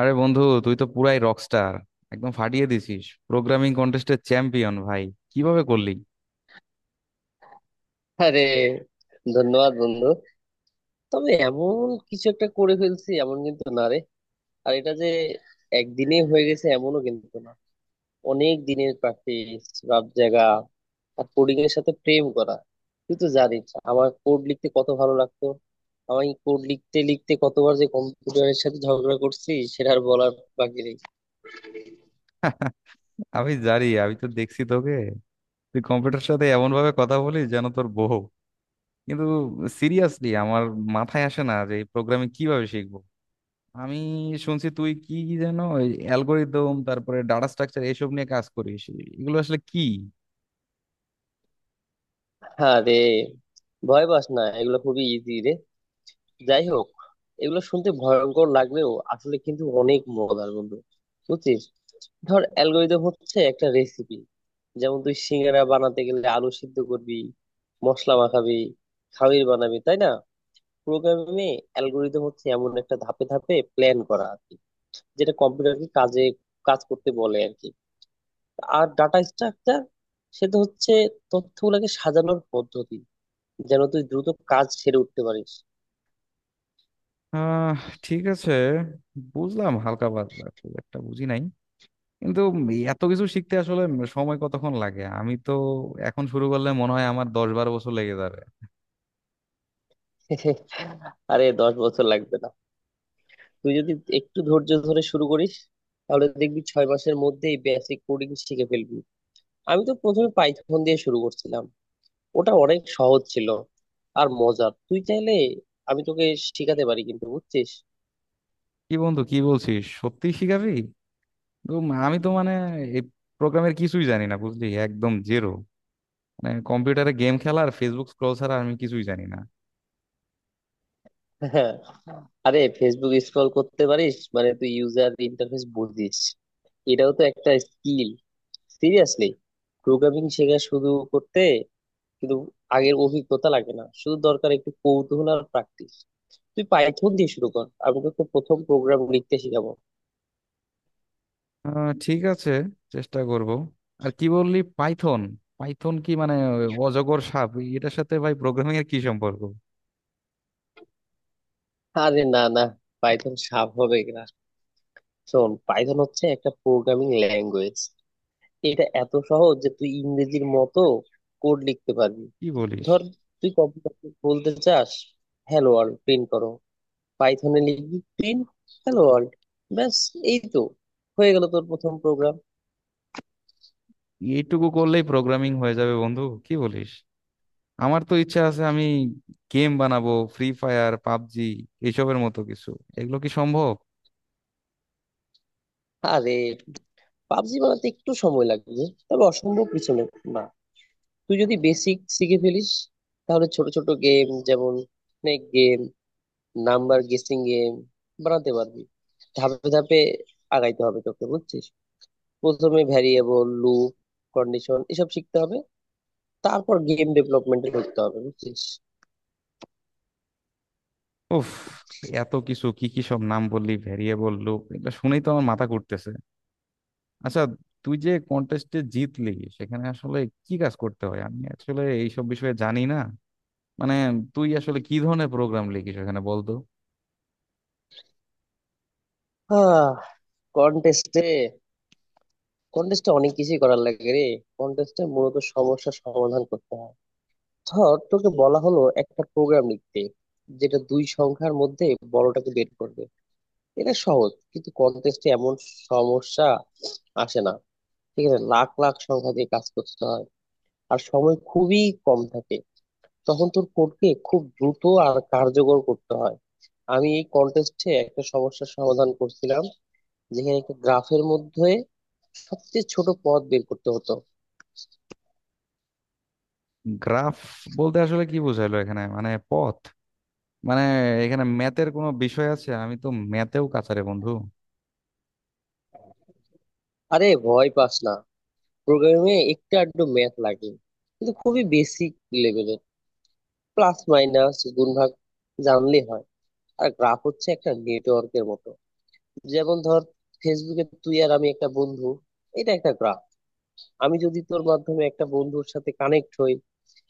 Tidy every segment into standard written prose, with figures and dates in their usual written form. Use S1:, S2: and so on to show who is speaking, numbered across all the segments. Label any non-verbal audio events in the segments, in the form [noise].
S1: আরে বন্ধু, তুই তো পুরাই রকস্টার, একদম ফাটিয়ে দিছিস। প্রোগ্রামিং কন্টেস্টের চ্যাম্পিয়ন ভাই, কিভাবে করলি?
S2: আরে, ধন্যবাদ বন্ধু। তবে এমন কিছু একটা করে ফেলছি এমন কিন্তু না রে। আর এটা যে একদিনে হয়ে গেছে এমনও কিন্তু না। অনেক দিনের প্র্যাকটিস, রাত জাগা, আর কোডিং এর সাথে প্রেম করা। তুই তো জানিস আমার কোড লিখতে কত ভালো লাগতো। আমি কোড লিখতে লিখতে কতবার যে কম্পিউটারের সাথে ঝগড়া করছি সেটা আর বলার বাকি নেই।
S1: [laughs] আমি জানি, আমি তো দেখছি তোকে। তুই কম্পিউটার সাথে এমন ভাবে কথা বলিস যেন তোর বউ। কিন্তু সিরিয়াসলি আমার মাথায় আসে না যে প্রোগ্রামিং কিভাবে শিখবো। আমি শুনছি তুই কি কি যেন অ্যালগোরিদম তারপরে ডাটা স্ট্রাকচার এসব নিয়ে কাজ করিস। এগুলো আসলে কি?
S2: হ্যাঁ রে, ভয় পাস না, এগুলো খুবই ইজি রে। যাই হোক, এগুলো শুনতে ভয়ঙ্কর লাগলেও আসলে কিন্তু অনেক মজার বন্ধু, বুঝছিস। ধর, অ্যালগরিদম হচ্ছে একটা রেসিপি। যেমন তুই সিঙ্গারা বানাতে গেলে আলু সিদ্ধ করবি, মশলা মাখাবি, খামির বানাবি, তাই না? প্রোগ্রামিং এ অ্যালগরিদম হচ্ছে এমন একটা ধাপে ধাপে প্ল্যান করা আর কি, যেটা কম্পিউটারকে কাজ করতে বলে আর কি। আর ডাটা স্ট্রাকচার সেটা হচ্ছে তথ্যগুলোকে সাজানোর পদ্ধতি, যেন তুই দ্রুত কাজ সেরে উঠতে পারিস।
S1: আহ, ঠিক আছে, বুঝলাম হালকা পাতলা, খুব একটা বুঝি নাই। কিন্তু এত কিছু শিখতে আসলে সময় কতক্ষণ লাগে? আমি তো এখন শুরু করলে মনে হয় আমার 10-12 বছর লেগে যাবে।
S2: [laughs] আরে, 10 বছর লাগবে না। তুই যদি একটু ধৈর্য ধরে শুরু করিস তাহলে দেখবি 6 মাসের মধ্যেই বেসিক কোডিং শিখে ফেলবি। আমি তো প্রথমে পাইথন দিয়ে শুরু করছিলাম, ওটা অনেক সহজ ছিল আর মজার। তুই চাইলে আমি তোকে শিখাতে পারি, কিন্তু বুঝছিস।
S1: কি বন্ধু, কি বলছিস, সত্যি শিখাবি? আমি তো মানে এই প্রোগ্রামের কিছুই জানি না, বুঝলি, একদম জেরো। মানে কম্পিউটারে গেম খেলা আর ফেসবুক স্ক্রল ছাড়া আমি কিছুই জানি না।
S2: হ্যাঁ, আরে ফেসবুক স্ক্রল করতে পারিস মানে তুই ইউজার ইন্টারফেস বুঝিস, এটাও তো একটা স্কিল। সিরিয়াসলি, প্রোগ্রামিং শেখা শুরু করতে কিন্তু আগের অভিজ্ঞতা লাগে না, শুধু দরকার একটু কৌতূহল আর প্র্যাকটিস। তুই পাইথন দিয়ে শুরু কর, আমি তোকে প্রথম প্রোগ্রাম লিখতে শিখাবো।
S1: আহ, ঠিক আছে, চেষ্টা করব। আর কি বললি, পাইথন? পাইথন কি মানে ওই অজগর সাপ? এটার সাথে ভাই প্রোগ্রামিং এর কি সম্পর্ক?
S2: আরে না না, পাইথন স্বাভাবিক না। শোন, পাইথন হচ্ছে একটা প্রোগ্রামিং ল্যাঙ্গুয়েজ। এটা এত সহজ যে তুই ইংরেজির মতো কোড লিখতে পারবি।
S1: কি বলিস!
S2: ধর, তুই কম্পিউটার বলতে চাস হ্যালো ওয়ার্ল্ড প্রিন্ট করো, পাইথনে লিখবি প্রিন্ট হ্যালো ওয়ার্ল্ড, ব্যাস। এই তো হয়ে গেল তোর প্রথম প্রোগ্রাম।
S1: এইটুকু করলেই প্রোগ্রামিং হয়ে যাবে বন্ধু, কি বলিস! আমার তো ইচ্ছা আছে আমি গেম বানাবো, ফ্রি ফায়ার, পাবজি এসবের মতো কিছু। এগুলো কি সম্ভব?
S2: আরে, পাবজি বানাতে একটু সময় লাগবে, তবে অসম্ভব কিছু না। না। তুই যদি বেসিক শিখে ফেলিস তাহলে ছোট ছোট গেম যেমন snake game, number guessing game বানাতে পারবি। ধাপে ধাপে আগাইতে হবে তোকে, বুঝছিস। প্রথমে ভ্যারিয়েবল, লুপ, কন্ডিশন এসব শিখতে হবে, তারপর গেম ডেভেলপমেন্টে ঢুকতে হবে, বুঝছিস।
S1: উফ, এত কিছু কি কি সব নাম বললি, ভেরিয়েবল, লুপ, এগুলো শুনেই তো আমার মাথা ঘুরতেছে। আচ্ছা, তুই যে কন্টেস্টে জিতলি, সেখানে আসলে কি কাজ করতে হয়? আমি আসলে এইসব বিষয়ে জানি না। মানে তুই আসলে কি ধরনের প্রোগ্রাম লিখিস এখানে, বলতো।
S2: হ্যাঁ, কন্টেস্টে কন্টেস্টে অনেক কিছুই করার লাগে রে। কন্টেস্টে মূলত সমস্যার সমাধান করতে হয়। ধর, তোকে বলা হলো একটা প্রোগ্রাম লিখতে যেটা দুই সংখ্যার মধ্যে বড়টাকে বের করবে। এটা সহজ, কিন্তু কনটেস্টে এমন সমস্যা আসে না। ঠিক আছে, লাখ লাখ সংখ্যা দিয়ে কাজ করতে হয়, আর সময় খুবই কম থাকে। তখন তোর কোডকে খুব দ্রুত আর কার্যকর করতে হয়। আমি এই কন্টেস্টে একটা সমস্যার সমাধান করছিলাম, যেখানে একটা গ্রাফের মধ্যে সবচেয়ে ছোট পথ বের করতে হতো।
S1: গ্রাফ বলতে আসলে কি বোঝাইলো এখানে, মানে পথ? মানে এখানে ম্যাথের কোনো বিষয় আছে? আমি তো ম্যাথেও কাঁচারে বন্ধু।
S2: আরে, ভয় পাস না, প্রোগ্রামিং এ একটু আধটু ম্যাথ লাগে, কিন্তু খুবই বেসিক লেভেলের। প্লাস মাইনাস গুণ ভাগ জানলে হয়। আর গ্রাফ হচ্ছে একটা নেটওয়ার্কের মতো। যেমন ধর, ফেসবুকে তুই আর আমি একটা বন্ধু, এটা একটা গ্রাফ। আমি যদি তোর মাধ্যমে একটা বন্ধুর সাথে কানেক্ট হই,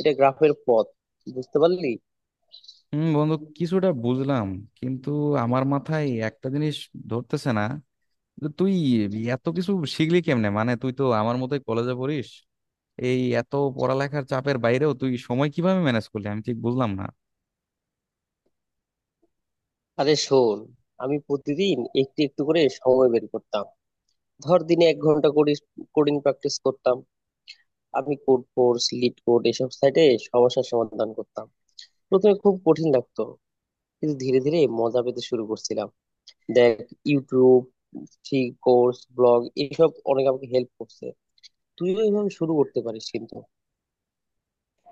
S2: এটা গ্রাফের পথ। বুঝতে পারলি?
S1: হুম বন্ধু, কিছুটা বুঝলাম। কিন্তু আমার মাথায় একটা জিনিস ধরতেছে না, যে তুই এত কিছু শিখলি কেমনে? মানে তুই তো আমার মতোই কলেজে পড়িস, এই এত পড়ালেখার চাপের বাইরেও তুই সময় কিভাবে ম্যানেজ করলি, আমি ঠিক বুঝলাম না।
S2: আরে শোন, আমি প্রতিদিন একটু একটু করে সময় বের করতাম। ধর, দিনে 1 ঘন্টা করে কোডিং প্র্যাকটিস করতাম। আমি কোড ফোর্স, লিড কোড এসব সাইটে সমস্যার সমাধান করতাম। প্রথমে খুব কঠিন লাগতো, কিন্তু ধীরে ধীরে মজা পেতে শুরু করছিলাম। দেখ, ইউটিউব, ফ্রি কোর্স, ব্লগ এইসব অনেক আমাকে হেল্প করছে। তুইও এইভাবে শুরু করতে পারিস কিন্তু।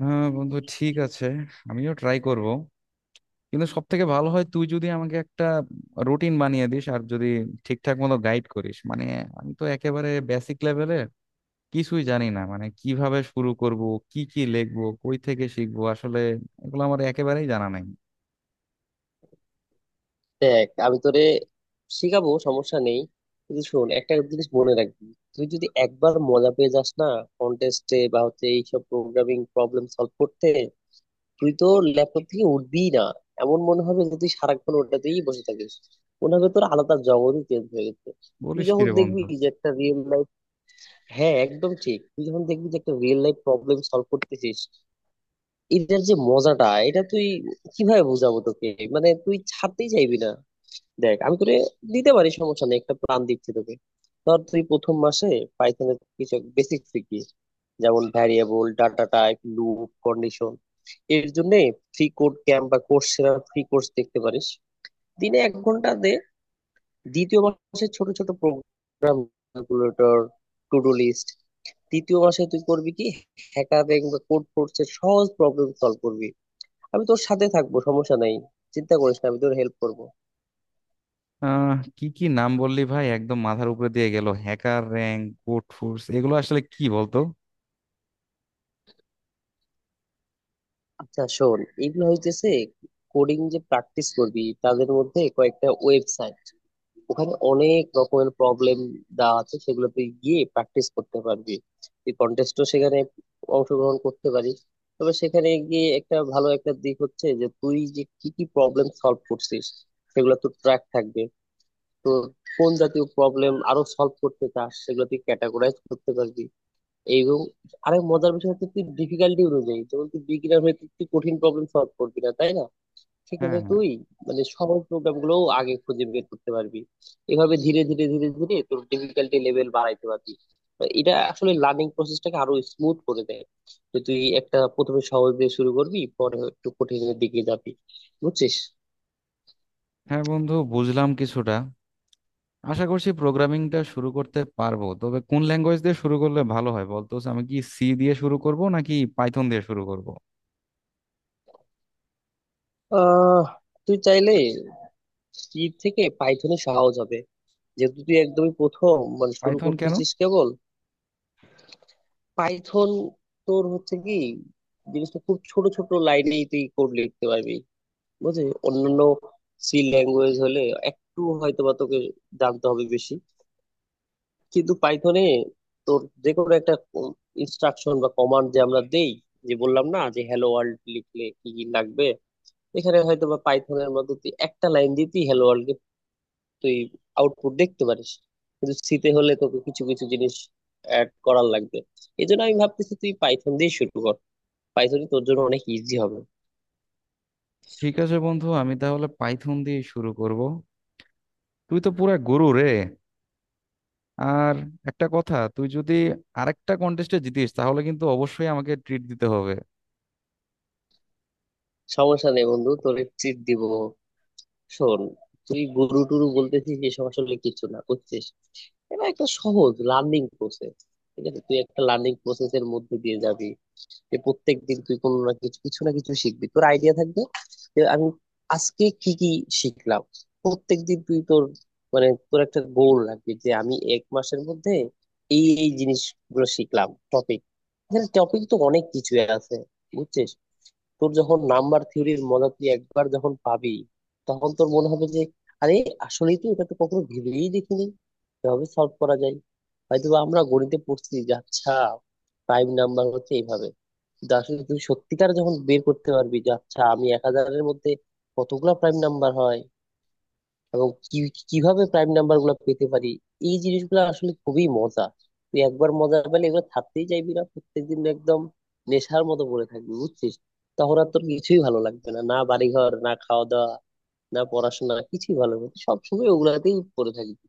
S1: হ্যাঁ বন্ধু, ঠিক আছে, আমিও ট্রাই করব। কিন্তু সব থেকে ভালো হয় তুই যদি আমাকে একটা রুটিন বানিয়ে দিস, আর যদি ঠিকঠাক মতো গাইড করিস। মানে আমি তো একেবারে বেসিক লেভেলে, কিছুই জানি না। মানে কিভাবে শুরু করব, কি কি লিখবো, কই থেকে শিখবো, আসলে এগুলো আমার একেবারেই জানা নাই।
S2: দেখ, আমি তোরে শিখাবো, সমস্যা নেই, কিন্তু শোন একটা জিনিস মনে রাখবি। তুই যদি একবার মজা পেয়ে যাস না, কন্টেস্টে বা হচ্ছে এইসব প্রোগ্রামিং প্রবলেম সলভ করতে, তুই তো ল্যাপটপ থেকে উঠবিই না। এমন মনে হবে যে তুই সারাক্ষণ ওটাতেই বসে থাকিস। মনে হবে তোর আলাদা জগতই চেঞ্জ হয়ে গেছে। তুই
S1: বলিস কি
S2: যখন
S1: রে
S2: দেখবি
S1: বন্ধু!
S2: যে একটা রিয়েল, হ্যাঁ একদম ঠিক, তুই যখন দেখবি যে একটা রিয়েল লাইফ প্রবলেম সলভ করতেছিস, এটার যে মজাটা এটা তুই, কিভাবে বুঝাবো তোকে। মানে তুই ছাড়তেই চাইবি না। দেখ, আমি তোরে দিতে পারি, সমস্যা নেই, একটা প্ল্যান দিচ্ছি তোকে। ধর, তুই প্রথম মাসে পাইথনের কিছু বেসিক শিখবি, যেমন variable, data type, loop, condition. এর জন্য ফ্রি কোড ক্যাম্প বা কোর্সেরা ফ্রি কোর্স দেখতে পারিস। দিনে 1 ঘন্টা দে। দ্বিতীয় মাসে ছোট ছোট program, calculator, to do list. দ্বিতীয় মাসে তুই করবি কি, হ্যাকারিং বা কোড ফোর্সের সহজ প্রবলেম সলভ করবি। আমি তোর সাথে থাকবো, সমস্যা নাই। চিন্তা করিস না, আমি তোর হেল্প করব।
S1: আহ, কি কি নাম বললি ভাই, একদম মাথার উপরে দিয়ে গেল। হ্যাকার র্যাঙ্ক, কোড ফোর্স, এগুলো আসলে কি বলতো?
S2: আচ্ছা শোন, এগুলো হইতেছে কোডিং যে প্র্যাকটিস করবি তাদের মধ্যে কয়েকটা ওয়েবসাইট। ওখানে অনেক রকমের প্রবলেম দেওয়া আছে, সেগুলো তুই গিয়ে প্র্যাকটিস করতে পারবি। তুই কন্টেস্টও সেখানে অংশগ্রহণ করতে পারিস। তবে সেখানে গিয়ে একটা ভালো একটা দিক হচ্ছে যে তুই যে কি কি প্রবলেম সলভ করছিস সেগুলো তোর ট্র্যাক থাকবে। তো কোন জাতীয় প্রবলেম আরো সলভ করতে চাস সেগুলো তুই ক্যাটাগরাইজ করতে পারবি। এবং আরেক মজার বিষয় হচ্ছে তুই ডিফিকাল্টি অনুযায়ী, যেমন তুই বিগিনার হয়ে তুই তুই কঠিন প্রবলেম সলভ করবি না তাই না,
S1: হ্যাঁ,
S2: সেক্ষেত্রে
S1: হ্যাঁ।
S2: তুই মানে সহজ প্রবলেম গুলো আগে খুঁজে বের করতে পারবি। এভাবে ধীরে ধীরে তোর ডিফিকাল্টি লেভেল বাড়াইতে পারবি। তো এটা আসলে লার্নিং প্রসেসটাকে আরো স্মুথ করে দেয়, যে তুই একটা প্রথমে সহজ দিয়ে শুরু করবি, পরে একটু কঠিনের দিকে যাবি, বুঝছিস।
S1: হ্যাঁ বন্ধু, বুঝলাম কিছুটা। আশা করছি প্রোগ্রামিংটা শুরু করতে পারবো। তবে কোন ল্যাঙ্গুয়েজ দিয়ে শুরু করলে ভালো হয় বলতো? আমি কি সি দিয়ে শুরু করব নাকি পাইথন দিয়ে শুরু করব?
S2: আহ, তুই চাইলে সি থেকে পাইথনে সহজ হবে, যেহেতু তুই একদমই প্রথম মানে শুরু
S1: পাইথন কেন?
S2: করতেছিস কেবল। পাইথন তোর হচ্ছে কি, জিনিসটা খুব ছোট ছোট লাইনেই তুই কোড লিখতে পারবি, বুঝলি। অন্যান্য সি ল্যাঙ্গুয়েজ হলে একটু হয়তো বা তোকে জানতে হবে বেশি, কিন্তু পাইথনে তোর যে কোনো একটা ইনস্ট্রাকশন বা কমান্ড যে আমরা দেই, যে বললাম না যে হ্যালো ওয়ার্ল্ড লিখলে কি কি লাগবে, এখানে হয়তো বা পাইথনের মধ্যে তুই একটা লাইন দিয়ে তুই হ্যালো ওয়ার্ল্ড তুই আউটপুট দেখতে পারিস। কিন্তু সিতে হলে তোকে কিছু কিছু জিনিস অ্যাড করার লাগবে। এই জন্য আমি ভাবতেছি তুই পাইথন দিয়ে শুরু কর, পাইথনই তোর জন্য অনেক ইজি হবে।
S1: ঠিক আছে বন্ধু, আমি তাহলে পাইথন দিয়ে শুরু করব। তুই তো পুরা গুরু রে। আর একটা কথা, তুই যদি আরেকটা কন্টেস্টে জিতিস, তাহলে কিন্তু অবশ্যই আমাকে ট্রিট দিতে হবে।
S2: সমস্যা নেই বন্ধু, তোর চিট দিব। শোন, তুই গুরু টুরু বলতেছিস, এসব আসলে কিছু না, বুঝছিস। এটা একটা সহজ লার্নিং প্রসেস। ঠিক আছে, তুই একটা লার্নিং প্রসেসের মধ্যে দিয়ে যাবি, যে প্রত্যেক দিন তুই কোনো না কিছু কিছু না কিছু শিখবি। তোর আইডিয়া থাকবে যে আমি আজকে কি কি শিখলাম। প্রত্যেক দিন তুই তোর, মানে তোর একটা গোল রাখবি যে আমি 1 মাসের মধ্যে এই এই জিনিসগুলো শিখলাম, টপিক। এখানে টপিক তো অনেক কিছুই আছে, বুঝছিস। তোর যখন নাম্বার থিওরির মজা তুই একবার যখন পাবি, তখন তোর মনে হবে যে আরে, আসলেই তো এটা তো কখনো ভেবেই দেখিনি এভাবে সলভ করা যায়। হয়তো বা আমরা গণিতে পড়ছি যে আচ্ছা প্রাইম নাম্বার হচ্ছে এইভাবে, কিন্তু আসলে তুই সত্যিকার যখন বের করতে পারবি যে আচ্ছা আমি 1,000 মধ্যে কতগুলা প্রাইম নাম্বার হয় এবং কি কিভাবে প্রাইম নাম্বার গুলো পেতে পারি, এই জিনিসগুলো আসলে খুবই মজা। তুই একবার মজা পেলে এগুলো ছাড়তেই চাইবি না, প্রত্যেকদিন একদম নেশার মতো পড়ে থাকবি, বুঝছিস। তখন আর তোর কিছুই ভালো লাগবে না, না বাড়িঘর, না খাওয়া দাওয়া, না পড়াশোনা, কিছুই ভালো লাগবে না। তুই সবসময় ওগুলাতেই পড়ে থাকবি।